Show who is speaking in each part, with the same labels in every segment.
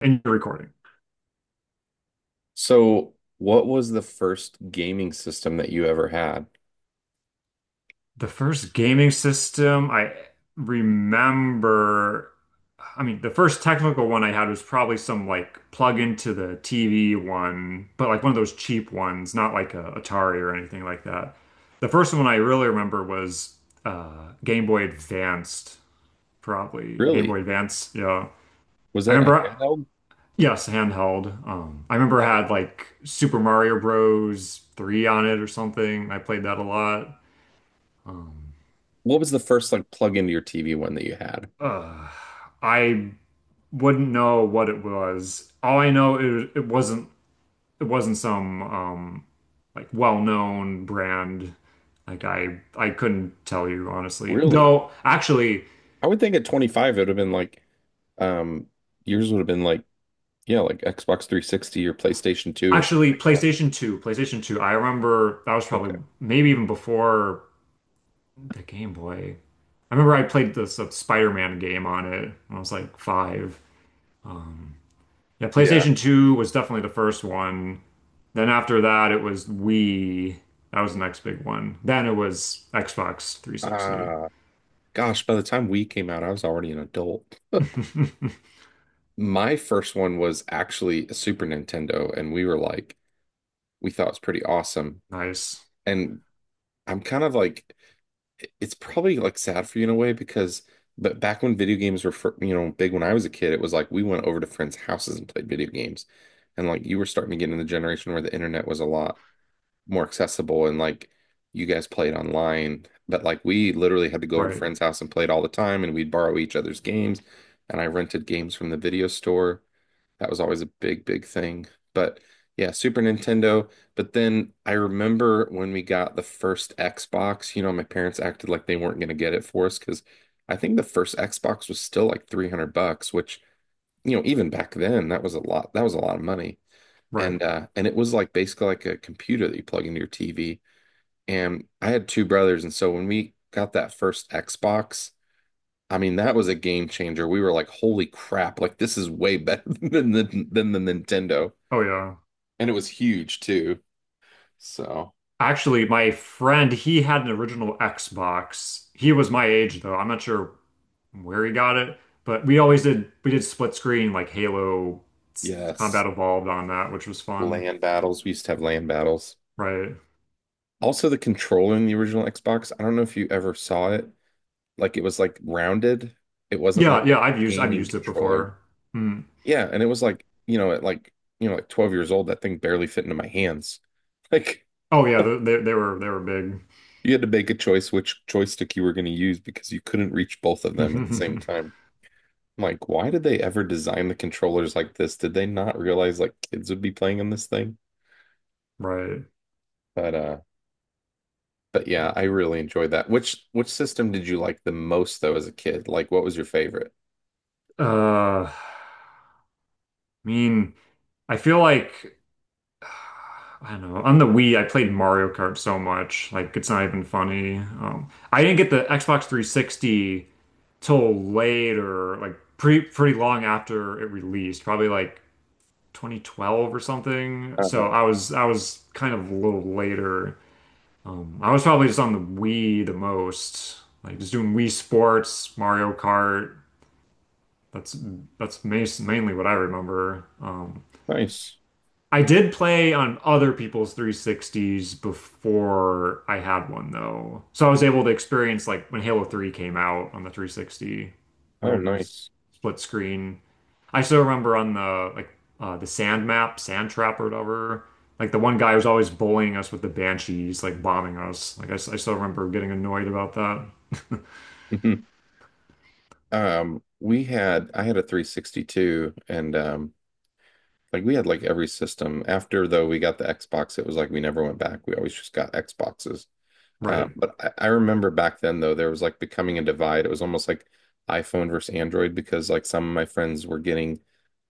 Speaker 1: And you're recording.
Speaker 2: So, what was the first gaming system that you ever had?
Speaker 1: The first gaming system I remember, I mean, the first technical one I had was probably some like plug into the TV one, but like one of those cheap ones, not like a Atari or anything like that. The first one I really remember was Game Boy Advanced, probably. Game
Speaker 2: Really?
Speaker 1: Boy Advance, yeah.
Speaker 2: Was
Speaker 1: I
Speaker 2: that a
Speaker 1: remember,
Speaker 2: handheld?
Speaker 1: yes, handheld. I remember it
Speaker 2: That one.
Speaker 1: had like Super Mario Bros. 3 on it or something. I played that a lot.
Speaker 2: What was the first like plug into your TV one that you had?
Speaker 1: Uh, I wouldn't know what it was. All I know it wasn't it wasn't some like well-known brand. Like I couldn't tell you honestly.
Speaker 2: Really?
Speaker 1: Though actually
Speaker 2: I would think at 25 it would have been like um yours would have been like, yeah, like Xbox 360 or PlayStation 2 or something
Speaker 1: actually
Speaker 2: like that.
Speaker 1: PlayStation 2, PlayStation 2, I remember that was
Speaker 2: Okay.
Speaker 1: probably maybe even before the Game Boy. I remember I played this Spider-Man game on it when I was like five. Yeah,
Speaker 2: Yeah.
Speaker 1: PlayStation 2 was definitely the first one. Then after that, it was Wii. That was the next big one. Then it was Xbox 360.
Speaker 2: Uh gosh, by the time we came out, I was already an adult. My first one was actually a Super Nintendo, and we were like we thought it was pretty awesome.
Speaker 1: Nice.
Speaker 2: And I'm kind of like it's probably like sad for you in a way because but back when video games were big, when I was a kid it was like we went over to friends' houses and played video games, and like you were starting to get in the generation where the internet was a lot more accessible and like you guys played online, but like we literally had to go over to
Speaker 1: Right.
Speaker 2: friends' house and played all the time, and we'd borrow each other's games, and I rented games from the video store. That was always a big, big thing. But yeah, Super Nintendo. But then I remember when we got the first Xbox, my parents acted like they weren't going to get it for us because I think the first Xbox was still like 300 bucks, which, even back then, that was a lot. That was a lot of money.
Speaker 1: Right.
Speaker 2: And it was like basically like a computer that you plug into your TV. And I had two brothers, and so when we got that first Xbox, I mean, that was a game changer. We were like, "Holy crap! Like this is way better than the Nintendo."
Speaker 1: Oh, yeah.
Speaker 2: And it was huge too. So,
Speaker 1: Actually, my friend, he had an original Xbox. He was my age, though. I'm not sure where he got it, but we did split screen like
Speaker 2: yes,
Speaker 1: Combat Evolved on that, which was fun.
Speaker 2: land battles. We used to have land battles.
Speaker 1: Right.
Speaker 2: Also, the controller in the original Xbox. I don't know if you ever saw it. Like it was like rounded. It wasn't
Speaker 1: Yeah.
Speaker 2: like
Speaker 1: Yeah.
Speaker 2: a
Speaker 1: I've
Speaker 2: gaming
Speaker 1: used it
Speaker 2: controller.
Speaker 1: before. Hmm.
Speaker 2: Yeah, and it was like, you know, at like like 12 years old, that thing barely fit into my hands. Like
Speaker 1: Oh, yeah.
Speaker 2: you
Speaker 1: They were
Speaker 2: had to make a choice which joystick you were going to use because you couldn't reach both of them at the same
Speaker 1: big.
Speaker 2: time. I'm like, why did they ever design the controllers like this? Did they not realize like kids would be playing on this thing?
Speaker 1: Right.
Speaker 2: But uh but yeah, I really enjoyed that. Which system did you like the most though as a kid? Like what was your favorite?
Speaker 1: I mean, I feel like I don't know. On the Wii, I played Mario Kart so much, like it's not even funny. I didn't get the Xbox 360 till later, like pretty long after it released, probably like 2012 or something. So
Speaker 2: uh
Speaker 1: I was kind of a little later. I was probably just on the Wii the most, like just doing Wii Sports, Mario Kart. That's mainly what I remember.
Speaker 2: Nice.
Speaker 1: I did play on other people's 360s before I had one though. So I was able to experience like when Halo 3 came out on the 360, we
Speaker 2: Oh,
Speaker 1: were doing s-
Speaker 2: nice.
Speaker 1: split screen. I still remember on the sand map, sand trap or whatever. Like the one guy was always bullying us with the banshees, like bombing us. I still remember getting annoyed about that.
Speaker 2: Mhm. We had I had a 362 and like we had like every system. After though we got the Xbox, it was like we never went back. We always just got Xboxes.
Speaker 1: Right.
Speaker 2: But I remember back then though there was like becoming a divide. It was almost like iPhone versus Android because like some of my friends were getting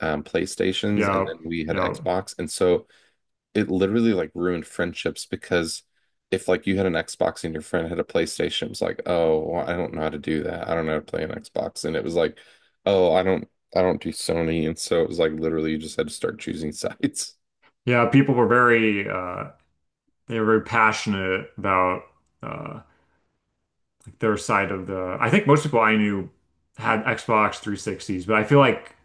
Speaker 2: PlayStations and
Speaker 1: Yeah.
Speaker 2: then we had
Speaker 1: Yeah.
Speaker 2: Xbox. And so it literally like ruined friendships because if like you had an Xbox and your friend had a PlayStation, it was like, oh, well, I don't know how to do that. I don't know how to play an Xbox. And it was like, oh, I don't do Sony. And so it was like literally you just had to start choosing sides.
Speaker 1: Yeah. People were very they were very passionate about uh their side of the. I think most people I knew had Xbox 360s, but I feel like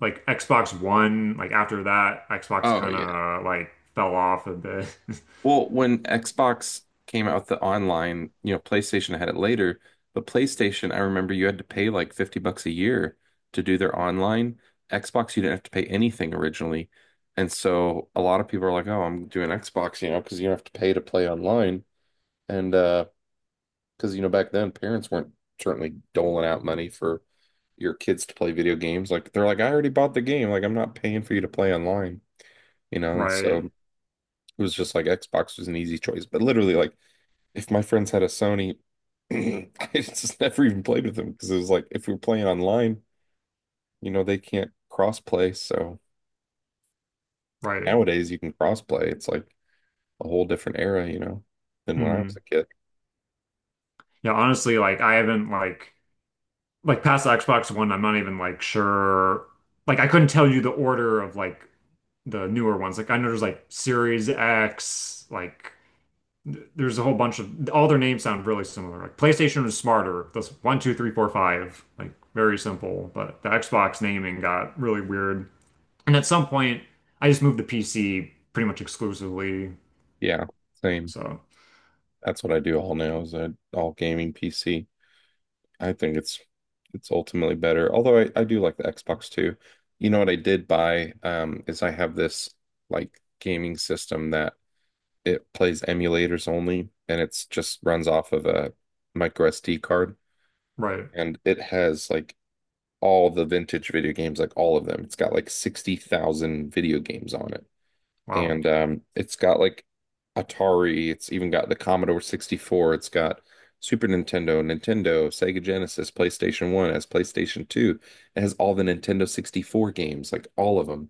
Speaker 1: Xbox One, like after that, Xbox
Speaker 2: Oh
Speaker 1: kind
Speaker 2: yeah.
Speaker 1: of like fell off a bit.
Speaker 2: Well, when Xbox came out with the online, you know, PlayStation had it later, but PlayStation, I remember you had to pay like 50 bucks a year to do their online. Xbox, you didn't have to pay anything originally. And so a lot of people are like, oh, I'm doing Xbox, you know, because you don't have to pay to play online. And because, back then parents weren't certainly doling out money for your kids to play video games. Like they're like, I already bought the game. Like I'm not paying for you to play online, you know? And so
Speaker 1: Right,
Speaker 2: it was just like Xbox was an easy choice, but literally like if my friends had a Sony, I just never even played with them because it was like if we were playing online, they can't cross play. So
Speaker 1: right.
Speaker 2: nowadays you can cross play. It's like a whole different era, than when I was
Speaker 1: Hmm.
Speaker 2: a kid.
Speaker 1: Yeah, honestly, like I haven't like past the Xbox One, I'm not even like sure. Like I couldn't tell you the order of like the newer ones. Like I know there's like Series X, like there's a whole bunch of all their names sound really similar. Like PlayStation was smarter. That's one, two, three, four, five. Like very simple. But the Xbox naming got really weird. And at some point, I just moved to PC pretty much exclusively.
Speaker 2: Yeah, same.
Speaker 1: So
Speaker 2: That's what I do all now is I all gaming PC. I think it's ultimately better. Although I do like the Xbox too. You know what I did buy is I have this like gaming system that It plays emulators only, and it's just runs off of a micro SD card.
Speaker 1: right,
Speaker 2: And it has like all the vintage video games, like all of them. It's got like 60,000 video games on it.
Speaker 1: wow,
Speaker 2: And it's got like Atari, it's even got the Commodore 64, it's got Super Nintendo, Nintendo, Sega Genesis, PlayStation 1, it has PlayStation 2. It has all the Nintendo 64 games, like all of them.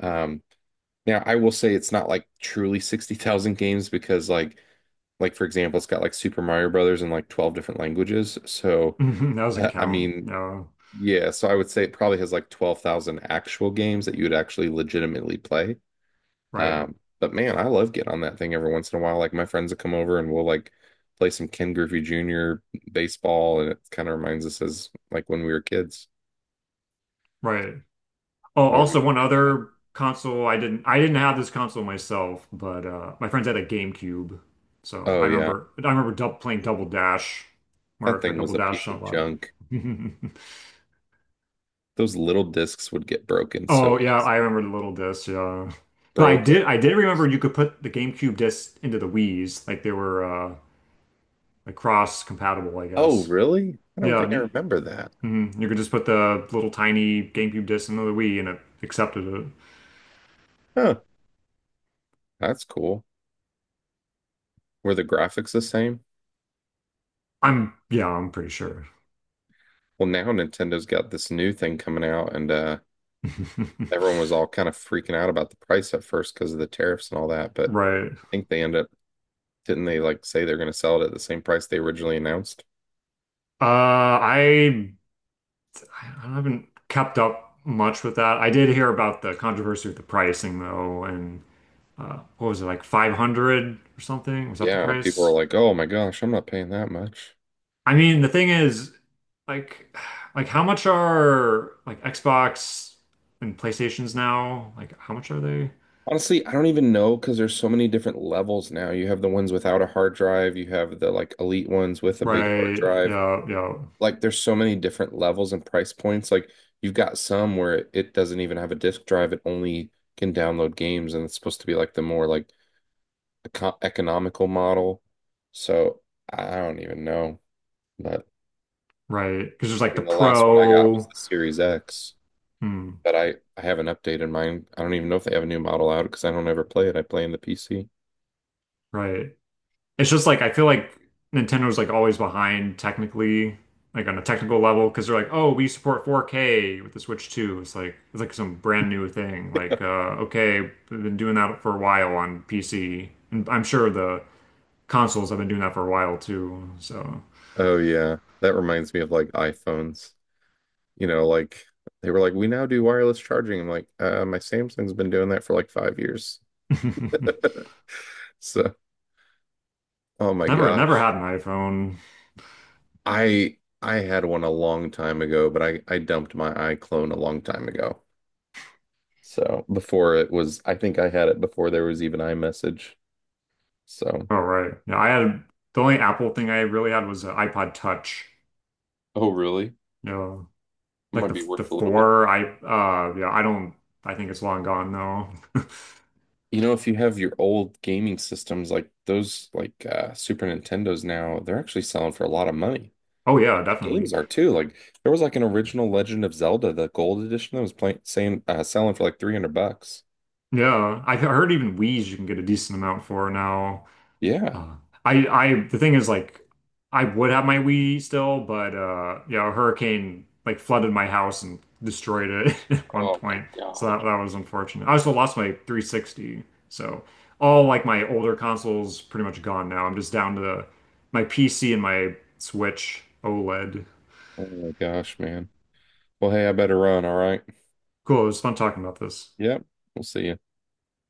Speaker 2: Um, now, I will say it's not like truly 60,000 games because like for example, it's got like Super Mario Brothers in like 12 different languages. So
Speaker 1: that doesn't
Speaker 2: I
Speaker 1: count.
Speaker 2: mean,
Speaker 1: Yeah,
Speaker 2: yeah, so I would say it probably has like 12,000 actual games that you would actually legitimately play.
Speaker 1: right,
Speaker 2: But man, I love getting on that thing every once in a while. Like my friends will come over and we'll like play some Ken Griffey Jr. baseball, and it kind of reminds us as like when we were kids.
Speaker 1: right. Oh,
Speaker 2: Or we
Speaker 1: also one
Speaker 2: played Mad.
Speaker 1: other console I didn't have this console myself, but my friends had a GameCube. So
Speaker 2: Oh yeah.
Speaker 1: I remember dub playing Double Dash, Mario
Speaker 2: That
Speaker 1: Kart
Speaker 2: thing was
Speaker 1: Double
Speaker 2: a
Speaker 1: Dash
Speaker 2: piece
Speaker 1: a
Speaker 2: of
Speaker 1: lot.
Speaker 2: junk. Those little discs would get broken so
Speaker 1: Oh yeah,
Speaker 2: easy.
Speaker 1: I remember the little disc, yeah. But
Speaker 2: Broken.
Speaker 1: I did remember you could put the GameCube disc into the Wii's, like they were like cross compatible, I
Speaker 2: Oh,
Speaker 1: guess.
Speaker 2: really? I don't
Speaker 1: Yeah,
Speaker 2: think I
Speaker 1: you,
Speaker 2: remember that.
Speaker 1: mhm. You could just put the little tiny GameCube disc into the Wii and it accepted it.
Speaker 2: Huh, that's cool. Were the graphics the same?
Speaker 1: I'm yeah, I'm pretty sure.
Speaker 2: Well, now Nintendo's got this new thing coming out, and everyone was all kind of freaking out about the price at first because of the tariffs and all that. But
Speaker 1: Right.
Speaker 2: I think they end up, didn't they like say they're going to sell it at the same price they originally announced?
Speaker 1: I I haven't kept up much with that. I did hear about the controversy with the pricing though, and what was it like 500 or something? Was that the
Speaker 2: Yeah, people are
Speaker 1: price?
Speaker 2: like, oh my gosh, I'm not paying that much.
Speaker 1: I mean, the thing is, like, like how much are like Xbox and PlayStations now? Like, how much are they?
Speaker 2: Honestly, I don't even know because there's so many different levels now. You have the ones without a hard drive, you have the like elite ones with a big hard
Speaker 1: Right.
Speaker 2: drive.
Speaker 1: Yeah. Yeah.
Speaker 2: Like there's so many different levels and price points. Like you've got some where it doesn't even have a disk drive, it only can download games, and it's supposed to be like the more like eco economical model. So I don't even know. But I
Speaker 1: Right. Because there's like the
Speaker 2: mean, the last one I got was
Speaker 1: Pro.
Speaker 2: the Series X,
Speaker 1: Hmm.
Speaker 2: but I haven't updated mine. I don't even know if they have a new model out because I don't ever play it. I play in the PC.
Speaker 1: Right. It's just like I feel like Nintendo's like always behind technically, like on a technical level, because they're like, oh, we support 4K with the Switch 2. It's like some brand new thing. Like, okay, we've been doing that for a while on PC, and I'm sure the consoles have been doing that for a while too. So
Speaker 2: Oh yeah, that reminds me of like iPhones. Like they were like, we now do wireless charging. I'm like, my Samsung's been doing that for like 5 years. So, oh my
Speaker 1: never
Speaker 2: gosh.
Speaker 1: had an iPhone.
Speaker 2: I had one a long time ago, but I dumped my iClone a long time ago. So, before it was, I think I had it before there was even iMessage. So.
Speaker 1: Oh right, yeah, I had the only Apple thing I really had was an iPod Touch.
Speaker 2: Oh, really? It
Speaker 1: You know, like
Speaker 2: might be
Speaker 1: the
Speaker 2: worth a little bit.
Speaker 1: four. I yeah, I don't. I think it's long gone though.
Speaker 2: If you have your old gaming systems like those, like Super Nintendos now, they're actually selling for a lot of money.
Speaker 1: Oh yeah,
Speaker 2: The
Speaker 1: definitely.
Speaker 2: games are too. Like there was like an original Legend of Zelda, the gold edition that was playing saying selling for like 300 bucks.
Speaker 1: Yeah, I heard even Wii's you can get a decent amount for now.
Speaker 2: Yeah.
Speaker 1: Uh, I the thing is like I would have my Wii still, but yeah, a hurricane like flooded my house and destroyed it at one
Speaker 2: Oh my
Speaker 1: point. So
Speaker 2: gosh.
Speaker 1: that was unfortunate. I also lost my 360. So all like my older consoles pretty much gone now. I'm just down to my PC and my Switch OLED.
Speaker 2: Oh my gosh, man. Well, hey, I better run, all right?
Speaker 1: Cool, it was fun talking about this.
Speaker 2: Yep. We'll see you.